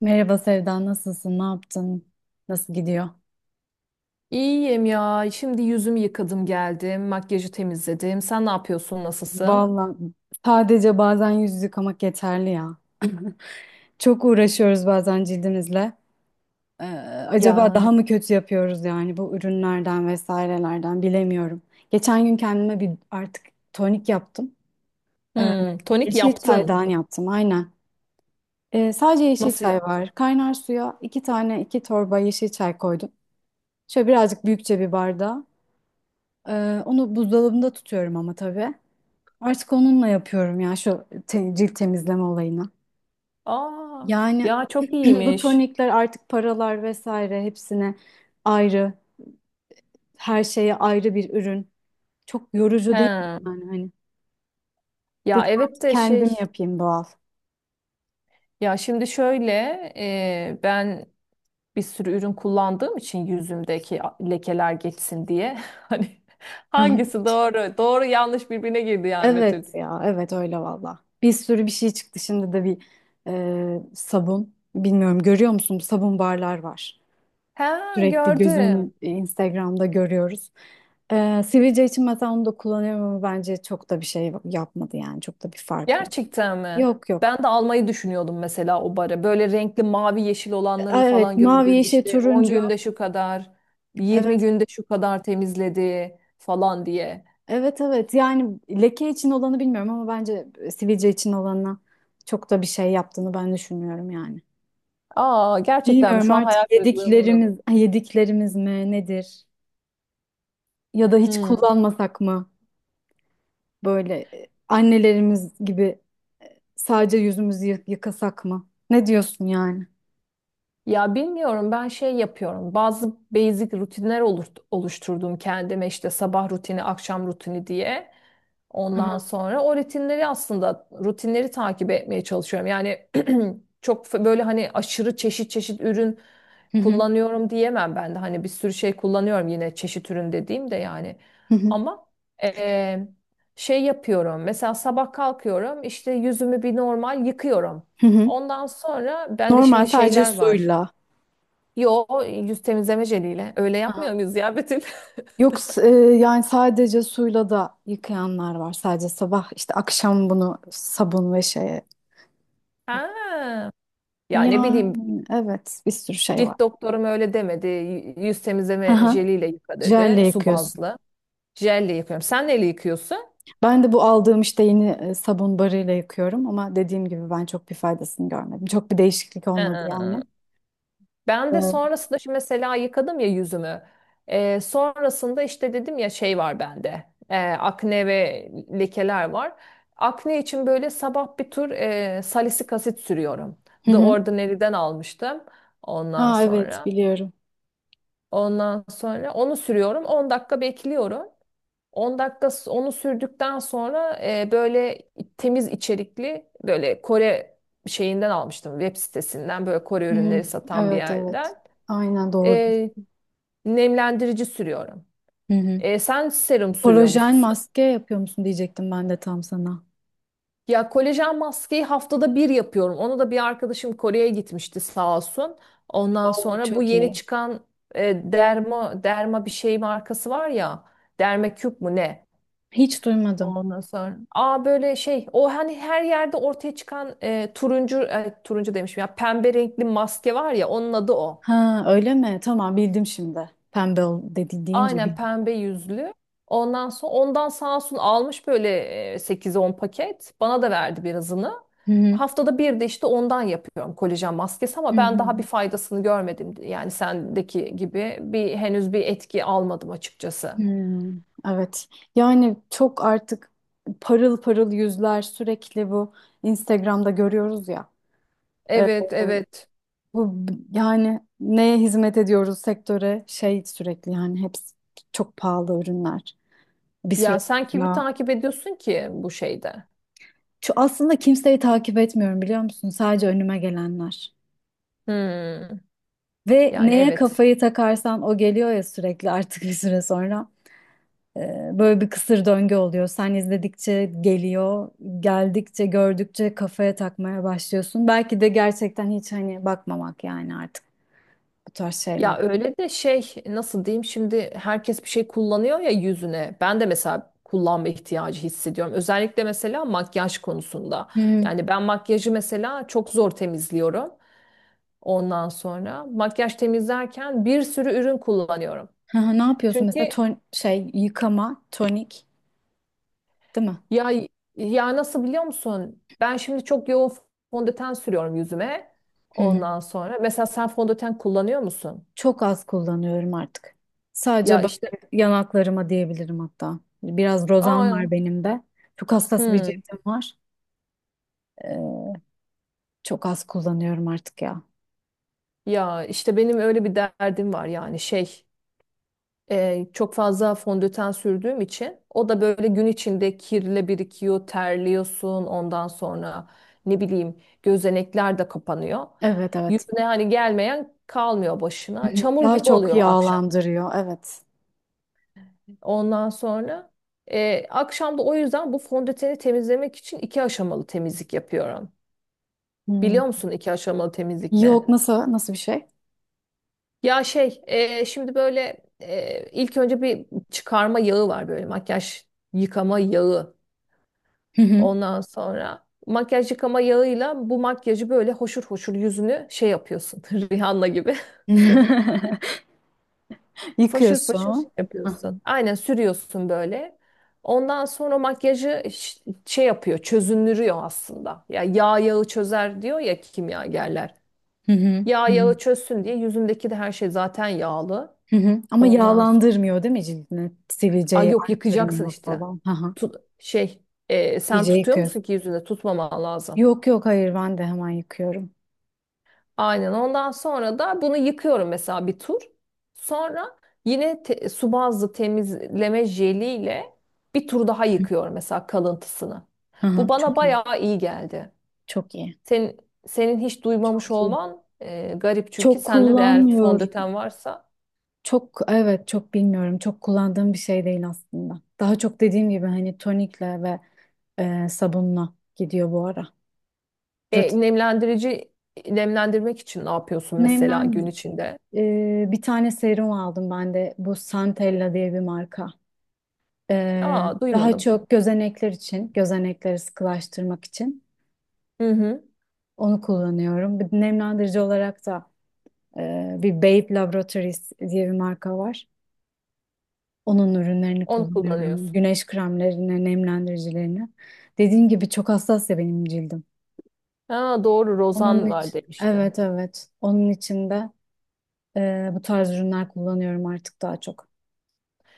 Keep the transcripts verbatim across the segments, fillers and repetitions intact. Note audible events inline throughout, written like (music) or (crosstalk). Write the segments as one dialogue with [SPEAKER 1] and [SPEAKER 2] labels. [SPEAKER 1] Merhaba Sevda, nasılsın? Ne yaptın? Nasıl gidiyor?
[SPEAKER 2] İyiyim ya. Şimdi yüzümü yıkadım geldim. Makyajı temizledim. Sen ne yapıyorsun? Nasılsın?
[SPEAKER 1] Vallahi sadece bazen yüz yıkamak yeterli ya. (laughs) Çok uğraşıyoruz bazen cildimizle. Ee, Acaba
[SPEAKER 2] Yani.
[SPEAKER 1] daha mı kötü yapıyoruz yani bu ürünlerden vesairelerden bilemiyorum. Geçen gün kendime bir artık tonik yaptım. Ee,
[SPEAKER 2] Hmm, tonik
[SPEAKER 1] Yeşil
[SPEAKER 2] yaptın.
[SPEAKER 1] çaydan yaptım aynen. Ee, sadece yeşil
[SPEAKER 2] Nasıl
[SPEAKER 1] çay
[SPEAKER 2] yaptın?
[SPEAKER 1] var. Kaynar suya iki tane iki torba yeşil çay koydum. Şöyle birazcık büyükçe bir bardağa. Ee, onu buzdolabında tutuyorum ama tabii. Artık onunla yapıyorum ya şu te- cilt temizleme olayını.
[SPEAKER 2] Aa,
[SPEAKER 1] Yani
[SPEAKER 2] ya çok
[SPEAKER 1] (clears throat) bu
[SPEAKER 2] iyiymiş.
[SPEAKER 1] tonikler artık paralar vesaire hepsine ayrı, her şeye ayrı bir ürün. Çok yorucu değil mi
[SPEAKER 2] He.
[SPEAKER 1] yani hani?
[SPEAKER 2] Ya
[SPEAKER 1] Dedim
[SPEAKER 2] evet
[SPEAKER 1] artık
[SPEAKER 2] de
[SPEAKER 1] kendim
[SPEAKER 2] şey.
[SPEAKER 1] yapayım doğal.
[SPEAKER 2] Ya şimdi şöyle e, ben bir sürü ürün kullandığım için yüzümdeki lekeler geçsin diye. (laughs) Hani
[SPEAKER 1] Hı hı.
[SPEAKER 2] hangisi doğru? Doğru yanlış birbirine girdi yani Betül.
[SPEAKER 1] Evet ya, evet öyle valla. Bir sürü bir şey çıktı şimdi de bir e, sabun. Bilmiyorum, görüyor musun sabun barlar var.
[SPEAKER 2] Ha,
[SPEAKER 1] Sürekli
[SPEAKER 2] gördüm.
[SPEAKER 1] gözümün e, Instagram'da görüyoruz. Ee, sivilce için mesela onu da kullanıyorum ama bence çok da bir şey yapmadı yani çok da bir fark yok.
[SPEAKER 2] Gerçekten mi?
[SPEAKER 1] Yok yok.
[SPEAKER 2] Ben de almayı düşünüyordum mesela o bara. Böyle renkli mavi yeşil olanlarını
[SPEAKER 1] Aa, evet
[SPEAKER 2] falan
[SPEAKER 1] mavi,
[SPEAKER 2] gördüm.
[SPEAKER 1] yeşil,
[SPEAKER 2] İşte on
[SPEAKER 1] turuncu.
[SPEAKER 2] günde şu kadar, yirmi
[SPEAKER 1] Evet,
[SPEAKER 2] günde şu kadar temizledi falan diye.
[SPEAKER 1] evet evet yani leke için olanı bilmiyorum ama bence e, sivilce için olanına çok da bir şey yaptığını ben düşünmüyorum yani.
[SPEAKER 2] Aa, gerçekten mi?
[SPEAKER 1] Bilmiyorum
[SPEAKER 2] Şu an hayal
[SPEAKER 1] artık
[SPEAKER 2] kırıklığına uğradım.
[SPEAKER 1] yediklerimiz yediklerimiz mi nedir ya da hiç
[SPEAKER 2] Hmm.
[SPEAKER 1] kullanmasak mı böyle e, annelerimiz gibi sadece yüzümüzü yı- yıkasak mı? Ne diyorsun yani?
[SPEAKER 2] Ya bilmiyorum, ben şey yapıyorum. Bazı basic rutinler olur- oluşturdum kendime, işte sabah rutini, akşam rutini diye.
[SPEAKER 1] Hı hı.
[SPEAKER 2] Ondan sonra o rutinleri aslında rutinleri takip etmeye çalışıyorum. Yani (clears throat) çok f- böyle hani aşırı çeşit çeşit ürün
[SPEAKER 1] Hı hı,
[SPEAKER 2] kullanıyorum diyemem ben de. Hani bir sürü şey kullanıyorum yine, çeşit ürün dediğim de yani.
[SPEAKER 1] hı hı,
[SPEAKER 2] Ama eee, şey yapıyorum. Mesela sabah kalkıyorum, işte yüzümü bir normal yıkıyorum.
[SPEAKER 1] hı hı.
[SPEAKER 2] Ondan sonra bende
[SPEAKER 1] Normal
[SPEAKER 2] şimdi
[SPEAKER 1] sadece
[SPEAKER 2] şeyler var.
[SPEAKER 1] suyla.
[SPEAKER 2] Yo, yüz temizleme jeliyle öyle yapmıyor
[SPEAKER 1] Aha.
[SPEAKER 2] muyuz ya Betül? (laughs)
[SPEAKER 1] Yok, s- e, yani sadece suyla da yıkayanlar var. Sadece sabah işte akşam bunu sabun ve şeye.
[SPEAKER 2] Ha. Ya ne bileyim,
[SPEAKER 1] Yani evet, bir sürü şey var.
[SPEAKER 2] cilt doktorum öyle demedi. Y- Yüz temizleme
[SPEAKER 1] Aha.
[SPEAKER 2] jeliyle yıka dedi.
[SPEAKER 1] Jelle
[SPEAKER 2] Su
[SPEAKER 1] yıkıyorsun.
[SPEAKER 2] bazlı. Jelle yıkıyorum. Sen neyle yıkıyorsun?
[SPEAKER 1] Ben de bu aldığım işte yeni e, sabun barıyla yıkıyorum ama dediğim gibi ben çok bir faydasını görmedim. Çok bir değişiklik olmadı
[SPEAKER 2] Ha.
[SPEAKER 1] yani.
[SPEAKER 2] Ben de
[SPEAKER 1] Evet.
[SPEAKER 2] sonrasında şimdi mesela yıkadım ya yüzümü. Ee, sonrasında işte dedim ya, şey var bende. Ee, akne ve lekeler var. Akne için böyle sabah bir tur e, salisilik asit sürüyorum.
[SPEAKER 1] Hı
[SPEAKER 2] The
[SPEAKER 1] hı.
[SPEAKER 2] Ordinary'den almıştım. Ondan
[SPEAKER 1] Ha evet,
[SPEAKER 2] sonra.
[SPEAKER 1] biliyorum.
[SPEAKER 2] Ondan sonra onu sürüyorum. On dakika bekliyorum. 10 dakika s- onu sürdükten sonra e, böyle temiz içerikli, böyle Kore şeyinden almıştım, web sitesinden, böyle Kore
[SPEAKER 1] Hı,
[SPEAKER 2] ürünleri satan bir
[SPEAKER 1] evet evet.
[SPEAKER 2] yerden.
[SPEAKER 1] Aynen, doğrudur.
[SPEAKER 2] E, Nemlendirici sürüyorum.
[SPEAKER 1] Hı hı.
[SPEAKER 2] E, sen serum sürüyor
[SPEAKER 1] Kolajen
[SPEAKER 2] musun?
[SPEAKER 1] maske yapıyor musun diyecektim ben de tam sana.
[SPEAKER 2] Ya kolajen maskeyi haftada bir yapıyorum. Onu da bir arkadaşım Kore'ye gitmişti, sağ olsun. Ondan
[SPEAKER 1] Oo,
[SPEAKER 2] sonra bu
[SPEAKER 1] çok
[SPEAKER 2] yeni
[SPEAKER 1] iyi.
[SPEAKER 2] çıkan e, derma derma bir şey markası var ya. Dermacube mu ne?
[SPEAKER 1] Hiç duymadım.
[SPEAKER 2] Ondan sonra. Aa, böyle şey, o hani her yerde ortaya çıkan e, turuncu, e, turuncu demişim ya, pembe renkli maske var ya, onun adı o.
[SPEAKER 1] Ha öyle mi? Tamam bildim şimdi. Pembe ol dedi deyince
[SPEAKER 2] Aynen,
[SPEAKER 1] bildim.
[SPEAKER 2] pembe yüzlü. Ondan sonra ondan sağ olsun almış böyle e, 8-10 paket. Bana da verdi birazını.
[SPEAKER 1] Hı hı.
[SPEAKER 2] Haftada bir de işte ondan yapıyorum kolajen maskesi,
[SPEAKER 1] Hı
[SPEAKER 2] ama ben
[SPEAKER 1] hı.
[SPEAKER 2] daha bir faydasını görmedim. Yani sendeki gibi bir henüz bir etki almadım açıkçası.
[SPEAKER 1] Hmm, evet. Yani çok artık parıl parıl yüzler sürekli bu Instagram'da görüyoruz ya. Ee,
[SPEAKER 2] Evet evet.
[SPEAKER 1] Bu b- yani neye hizmet ediyoruz sektöre şey sürekli yani hepsi çok pahalı ürünler. Bir süre
[SPEAKER 2] Ya sen kimi
[SPEAKER 1] sonra.
[SPEAKER 2] takip ediyorsun ki bu şeyde?
[SPEAKER 1] Şu aslında kimseyi takip etmiyorum, biliyor musun? Sadece önüme gelenler.
[SPEAKER 2] Hmm.
[SPEAKER 1] Ve
[SPEAKER 2] Yani
[SPEAKER 1] neye
[SPEAKER 2] evet.
[SPEAKER 1] kafayı takarsan o geliyor ya sürekli artık bir süre sonra. Ee, Böyle bir kısır döngü oluyor. Sen izledikçe geliyor, geldikçe, gördükçe kafaya takmaya başlıyorsun. Belki de gerçekten hiç hani bakmamak yani artık bu tarz şeyler.
[SPEAKER 2] Ya öyle de şey, nasıl diyeyim, şimdi herkes bir şey kullanıyor ya yüzüne. Ben de mesela kullanma ihtiyacı hissediyorum. Özellikle mesela makyaj konusunda.
[SPEAKER 1] Hı hı.
[SPEAKER 2] Yani ben makyajı mesela çok zor temizliyorum. Ondan sonra makyaj temizlerken bir sürü ürün kullanıyorum.
[SPEAKER 1] Hı hı, ne yapıyorsun
[SPEAKER 2] Çünkü
[SPEAKER 1] mesela? Ton şey yıkama, tonik, değil mi?
[SPEAKER 2] ya ya nasıl biliyor musun? Ben şimdi çok yoğun fondöten sürüyorum yüzüme.
[SPEAKER 1] Hı hı.
[SPEAKER 2] Ondan sonra mesela sen fondöten kullanıyor musun?
[SPEAKER 1] Çok az kullanıyorum artık. Sadece
[SPEAKER 2] Ya işte.
[SPEAKER 1] böyle yanaklarıma diyebilirim hatta. Biraz rozan
[SPEAKER 2] Aa,
[SPEAKER 1] var benim de. Çok hassas bir
[SPEAKER 2] hmm.
[SPEAKER 1] cildim var. Ee, Çok az kullanıyorum artık ya.
[SPEAKER 2] Ya işte benim öyle bir derdim var yani şey, e, çok fazla fondöten sürdüğüm için o da böyle gün içinde kirle birikiyor, terliyorsun, ondan sonra ne bileyim, gözenekler de kapanıyor.
[SPEAKER 1] Evet evet.
[SPEAKER 2] Yüzüne hani gelmeyen kalmıyor,
[SPEAKER 1] Hı
[SPEAKER 2] başına
[SPEAKER 1] hı.
[SPEAKER 2] çamur
[SPEAKER 1] Daha
[SPEAKER 2] gibi
[SPEAKER 1] çok
[SPEAKER 2] oluyor akşam.
[SPEAKER 1] yağlandırıyor. Evet.
[SPEAKER 2] Ondan sonra e, akşam da o yüzden bu fondöteni temizlemek için iki aşamalı temizlik yapıyorum.
[SPEAKER 1] Hmm.
[SPEAKER 2] Biliyor musun iki aşamalı temizlik ne?
[SPEAKER 1] Yok, nasıl nasıl bir şey?
[SPEAKER 2] Ya şey, e, şimdi böyle e, ilk önce bir çıkarma yağı var, böyle makyaj yıkama yağı.
[SPEAKER 1] Hı hı.
[SPEAKER 2] Ondan sonra makyaj yıkama yağıyla bu makyajı böyle hoşur hoşur yüzünü şey yapıyorsun. (laughs) Rihanna gibi.
[SPEAKER 1] (laughs)
[SPEAKER 2] (laughs) Foşur foşur
[SPEAKER 1] Yıkıyorsun. Hı
[SPEAKER 2] yapıyorsun. Aynen sürüyorsun böyle. Ondan sonra makyajı ş- şey yapıyor, çözünürüyor aslında. Ya yağ yağı çözer diyor ya kimyagerler.
[SPEAKER 1] hı.
[SPEAKER 2] Yağ
[SPEAKER 1] Hı hı.
[SPEAKER 2] yağı çözsün diye, yüzündeki de her şey zaten yağlı.
[SPEAKER 1] Hı hı. Ama
[SPEAKER 2] Ondan
[SPEAKER 1] yağlandırmıyor değil mi cildini?
[SPEAKER 2] Ay
[SPEAKER 1] Sivilceyi
[SPEAKER 2] yok, yıkayacaksın
[SPEAKER 1] arttırmıyor
[SPEAKER 2] işte.
[SPEAKER 1] falan. Hı hı.
[SPEAKER 2] Tut, şey, e, sen
[SPEAKER 1] İyice
[SPEAKER 2] tutuyor musun
[SPEAKER 1] yıkıyorsun.
[SPEAKER 2] ki? Yüzünde tutmaman lazım.
[SPEAKER 1] Yok yok, hayır ben de hemen yıkıyorum.
[SPEAKER 2] Aynen, ondan sonra da bunu yıkıyorum mesela bir tur. Sonra yine te- su bazlı temizleme jeliyle bir tur daha yıkıyorum mesela, kalıntısını.
[SPEAKER 1] Hı
[SPEAKER 2] Bu
[SPEAKER 1] hı.
[SPEAKER 2] bana
[SPEAKER 1] Çok iyi.
[SPEAKER 2] bayağı iyi geldi.
[SPEAKER 1] Çok iyi.
[SPEAKER 2] Senin, senin hiç duymamış
[SPEAKER 1] Çok iyi.
[SPEAKER 2] olman e, garip çünkü
[SPEAKER 1] Çok
[SPEAKER 2] sende de eğer
[SPEAKER 1] kullanmıyorum.
[SPEAKER 2] fondöten varsa.
[SPEAKER 1] Çok evet, çok bilmiyorum. Çok kullandığım bir şey değil aslında. Daha çok dediğim gibi hani tonikle ve e, sabunla gidiyor bu ara. Rutin
[SPEAKER 2] E, nemlendirici Nemlendirmek için ne yapıyorsun mesela gün
[SPEAKER 1] nemlen
[SPEAKER 2] içinde?
[SPEAKER 1] e, Bir tane serum aldım ben de. Bu Santella diye bir marka. E,
[SPEAKER 2] Aa,
[SPEAKER 1] Daha
[SPEAKER 2] duymadım.
[SPEAKER 1] çok gözenekler için, gözenekleri sıkılaştırmak için
[SPEAKER 2] Hı hı.
[SPEAKER 1] onu kullanıyorum. Bir nemlendirici olarak da e, bir Babe Laboratories diye bir marka var. Onun ürünlerini
[SPEAKER 2] Onu
[SPEAKER 1] kullanıyorum.
[SPEAKER 2] kullanıyorsun.
[SPEAKER 1] Güneş kremlerini, nemlendiricilerini. Dediğim gibi çok hassas ya benim cildim.
[SPEAKER 2] Ha, doğru,
[SPEAKER 1] Onun
[SPEAKER 2] rozan var
[SPEAKER 1] için,
[SPEAKER 2] demiştin.
[SPEAKER 1] evet evet. Onun için de e, bu tarz ürünler kullanıyorum artık daha çok.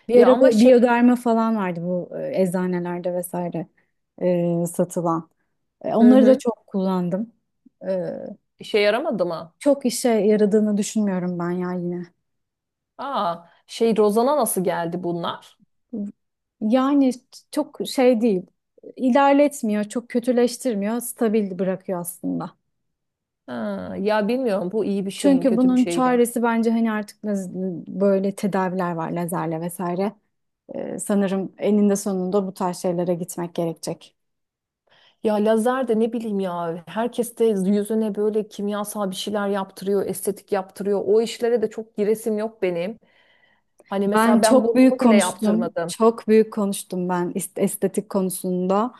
[SPEAKER 1] Bir
[SPEAKER 2] Ya
[SPEAKER 1] ara
[SPEAKER 2] ama
[SPEAKER 1] bu
[SPEAKER 2] şey,
[SPEAKER 1] biyoderma falan vardı bu e, eczanelerde vesaire e, satılan. E,
[SPEAKER 2] hı
[SPEAKER 1] onları da
[SPEAKER 2] hı.
[SPEAKER 1] çok kullandım. E,
[SPEAKER 2] işe yaramadı mı?
[SPEAKER 1] Çok işe yaradığını düşünmüyorum ben ya yine.
[SPEAKER 2] Aa, şey, rozana nasıl geldi bunlar?
[SPEAKER 1] Yani çok şey değil. İlerletmiyor, çok kötüleştirmiyor, stabil bırakıyor aslında.
[SPEAKER 2] Ha, ya bilmiyorum, bu iyi bir şey mi
[SPEAKER 1] Çünkü
[SPEAKER 2] kötü bir
[SPEAKER 1] bunun
[SPEAKER 2] şey mi?
[SPEAKER 1] çaresi bence hani artık laz- böyle tedaviler var lazerle vesaire. Ee, sanırım eninde sonunda bu tarz şeylere gitmek gerekecek.
[SPEAKER 2] Ya lazer de ne bileyim, ya herkes de yüzüne böyle kimyasal bir şeyler yaptırıyor, estetik yaptırıyor. O işlere de çok giresim yok benim. Hani
[SPEAKER 1] Ben
[SPEAKER 2] mesela ben
[SPEAKER 1] çok
[SPEAKER 2] burnumu
[SPEAKER 1] büyük
[SPEAKER 2] bile
[SPEAKER 1] konuştum.
[SPEAKER 2] yaptırmadım.
[SPEAKER 1] Çok büyük konuştum ben ist- estetik konusunda.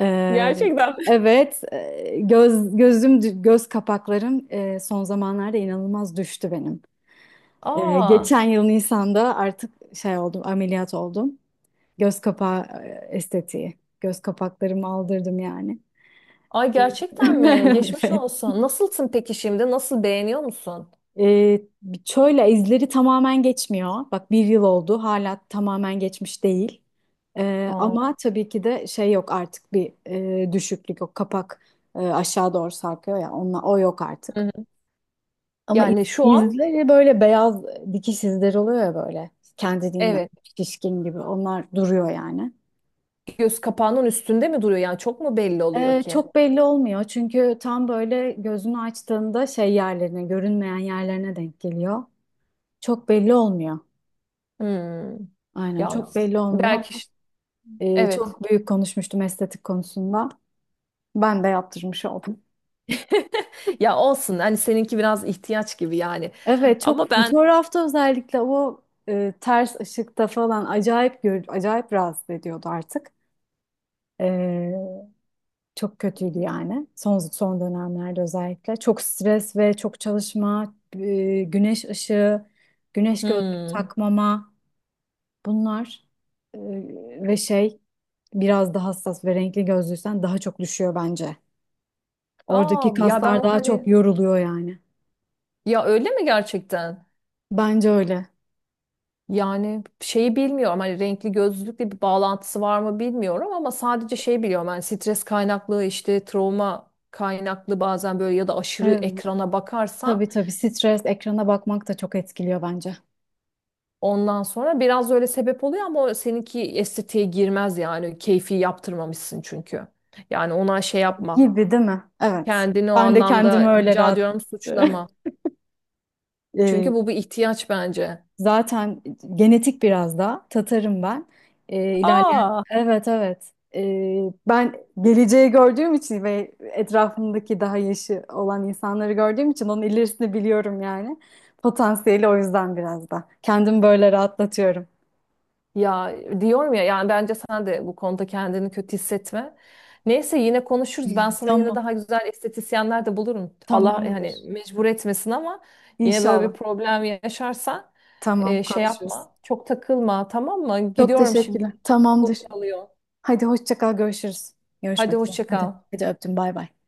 [SPEAKER 1] Ee,
[SPEAKER 2] Gerçekten mi?
[SPEAKER 1] evet, e, göz gözüm göz kapaklarım e, son zamanlarda inanılmaz düştü benim. Ee,
[SPEAKER 2] Aa,
[SPEAKER 1] geçen yıl Nisan'da artık şey oldum, ameliyat oldum. Göz kapağı e, estetiği. Göz kapaklarımı aldırdım yani.
[SPEAKER 2] ay gerçekten mi?
[SPEAKER 1] (laughs)
[SPEAKER 2] Geçmiş
[SPEAKER 1] Evet.
[SPEAKER 2] olsun. Nasılsın peki şimdi? Nasıl, beğeniyor musun?
[SPEAKER 1] Ee, Şöyle izleri tamamen geçmiyor. Bak bir yıl oldu hala tamamen geçmiş değil. Ee, ama
[SPEAKER 2] Aa,
[SPEAKER 1] tabii ki de şey yok artık bir e, düşüklük yok. Kapak e, aşağı doğru sarkıyor ya onunla, o yok
[SPEAKER 2] hı
[SPEAKER 1] artık.
[SPEAKER 2] hı.
[SPEAKER 1] Ama iz-
[SPEAKER 2] Yani şu an,
[SPEAKER 1] izleri böyle beyaz dikiş izleri oluyor ya böyle kendiliğinden
[SPEAKER 2] evet,
[SPEAKER 1] şişkin gibi onlar duruyor yani.
[SPEAKER 2] göz kapağının üstünde mi duruyor? Yani çok mu belli oluyor
[SPEAKER 1] Ee,
[SPEAKER 2] ki?
[SPEAKER 1] çok belli olmuyor çünkü tam böyle gözünü açtığında şey yerlerine görünmeyen yerlerine denk geliyor. Çok belli olmuyor.
[SPEAKER 2] Hmm.
[SPEAKER 1] Aynen
[SPEAKER 2] Ya
[SPEAKER 1] çok belli olmuyor
[SPEAKER 2] belki
[SPEAKER 1] ama
[SPEAKER 2] işte-
[SPEAKER 1] e,
[SPEAKER 2] evet.
[SPEAKER 1] çok büyük konuşmuştum estetik konusunda. Ben de yaptırmış oldum.
[SPEAKER 2] (laughs) Ya olsun, hani seninki biraz ihtiyaç gibi yani.
[SPEAKER 1] Evet, çok
[SPEAKER 2] Ama ben.
[SPEAKER 1] fotoğrafta özellikle o e, ters ışıkta falan acayip gör, acayip rahatsız ediyordu artık. E, Çok kötüydü yani son son dönemlerde özellikle. Çok stres ve çok çalışma, e, güneş ışığı, güneş gözlüğü
[SPEAKER 2] Hmm.
[SPEAKER 1] takmama, bunlar. E, Ve şey, biraz daha hassas ve renkli gözlüysen daha çok düşüyor bence.
[SPEAKER 2] Aa,
[SPEAKER 1] Oradaki
[SPEAKER 2] ya ben
[SPEAKER 1] kaslar daha çok
[SPEAKER 2] hani,
[SPEAKER 1] yoruluyor yani.
[SPEAKER 2] ya öyle mi gerçekten?
[SPEAKER 1] Bence öyle.
[SPEAKER 2] Yani şeyi bilmiyorum, hani renkli gözlülükle bir bağlantısı var mı bilmiyorum, ama sadece şey biliyorum, hani stres kaynaklı, işte travma kaynaklı bazen böyle, ya da aşırı
[SPEAKER 1] Evet.
[SPEAKER 2] ekrana bakarsan
[SPEAKER 1] Tabii tabii, stres, ekrana bakmak da çok etkiliyor bence.
[SPEAKER 2] ondan sonra biraz öyle sebep oluyor, ama o seninki estetiğe girmez yani, keyfi yaptırmamışsın çünkü. Yani ona şey yapma.
[SPEAKER 1] Gibi değil mi? Evet.
[SPEAKER 2] Kendini o
[SPEAKER 1] Ben de
[SPEAKER 2] anlamda
[SPEAKER 1] kendimi öyle
[SPEAKER 2] rica
[SPEAKER 1] rahat.
[SPEAKER 2] ediyorum suçlama.
[SPEAKER 1] (laughs) Ee,
[SPEAKER 2] Çünkü bu bir ihtiyaç bence.
[SPEAKER 1] Zaten genetik biraz da. Tatarım ben. Ee, ilerleyen.
[SPEAKER 2] Aa,
[SPEAKER 1] Evet evet. Ee, ben geleceği gördüğüm için ve etrafımdaki daha yaşı olan insanları gördüğüm için onun ilerisini biliyorum yani. Potansiyeli o yüzden biraz da. Kendimi böyle rahatlatıyorum.
[SPEAKER 2] ya diyorum ya yani, bence sen de bu konuda kendini kötü hissetme. Neyse, yine konuşuruz. Ben sana yine
[SPEAKER 1] Tamam.
[SPEAKER 2] daha güzel estetisyenler de bulurum. Allah yani
[SPEAKER 1] Tamamdır.
[SPEAKER 2] mecbur etmesin ama yine böyle bir
[SPEAKER 1] İnşallah.
[SPEAKER 2] problem yaşarsan
[SPEAKER 1] Tamam,
[SPEAKER 2] e, şey
[SPEAKER 1] konuşuruz.
[SPEAKER 2] yapma. Çok takılma, tamam mı?
[SPEAKER 1] Çok
[SPEAKER 2] Gidiyorum şimdi.
[SPEAKER 1] teşekkürler.
[SPEAKER 2] Kapım
[SPEAKER 1] Tamamdır.
[SPEAKER 2] çalıyor.
[SPEAKER 1] Hadi hoşça kal, görüşürüz.
[SPEAKER 2] Hadi
[SPEAKER 1] Görüşmek üzere.
[SPEAKER 2] hoşça
[SPEAKER 1] Hadi.
[SPEAKER 2] kal.
[SPEAKER 1] Hadi öptüm. Bay bay.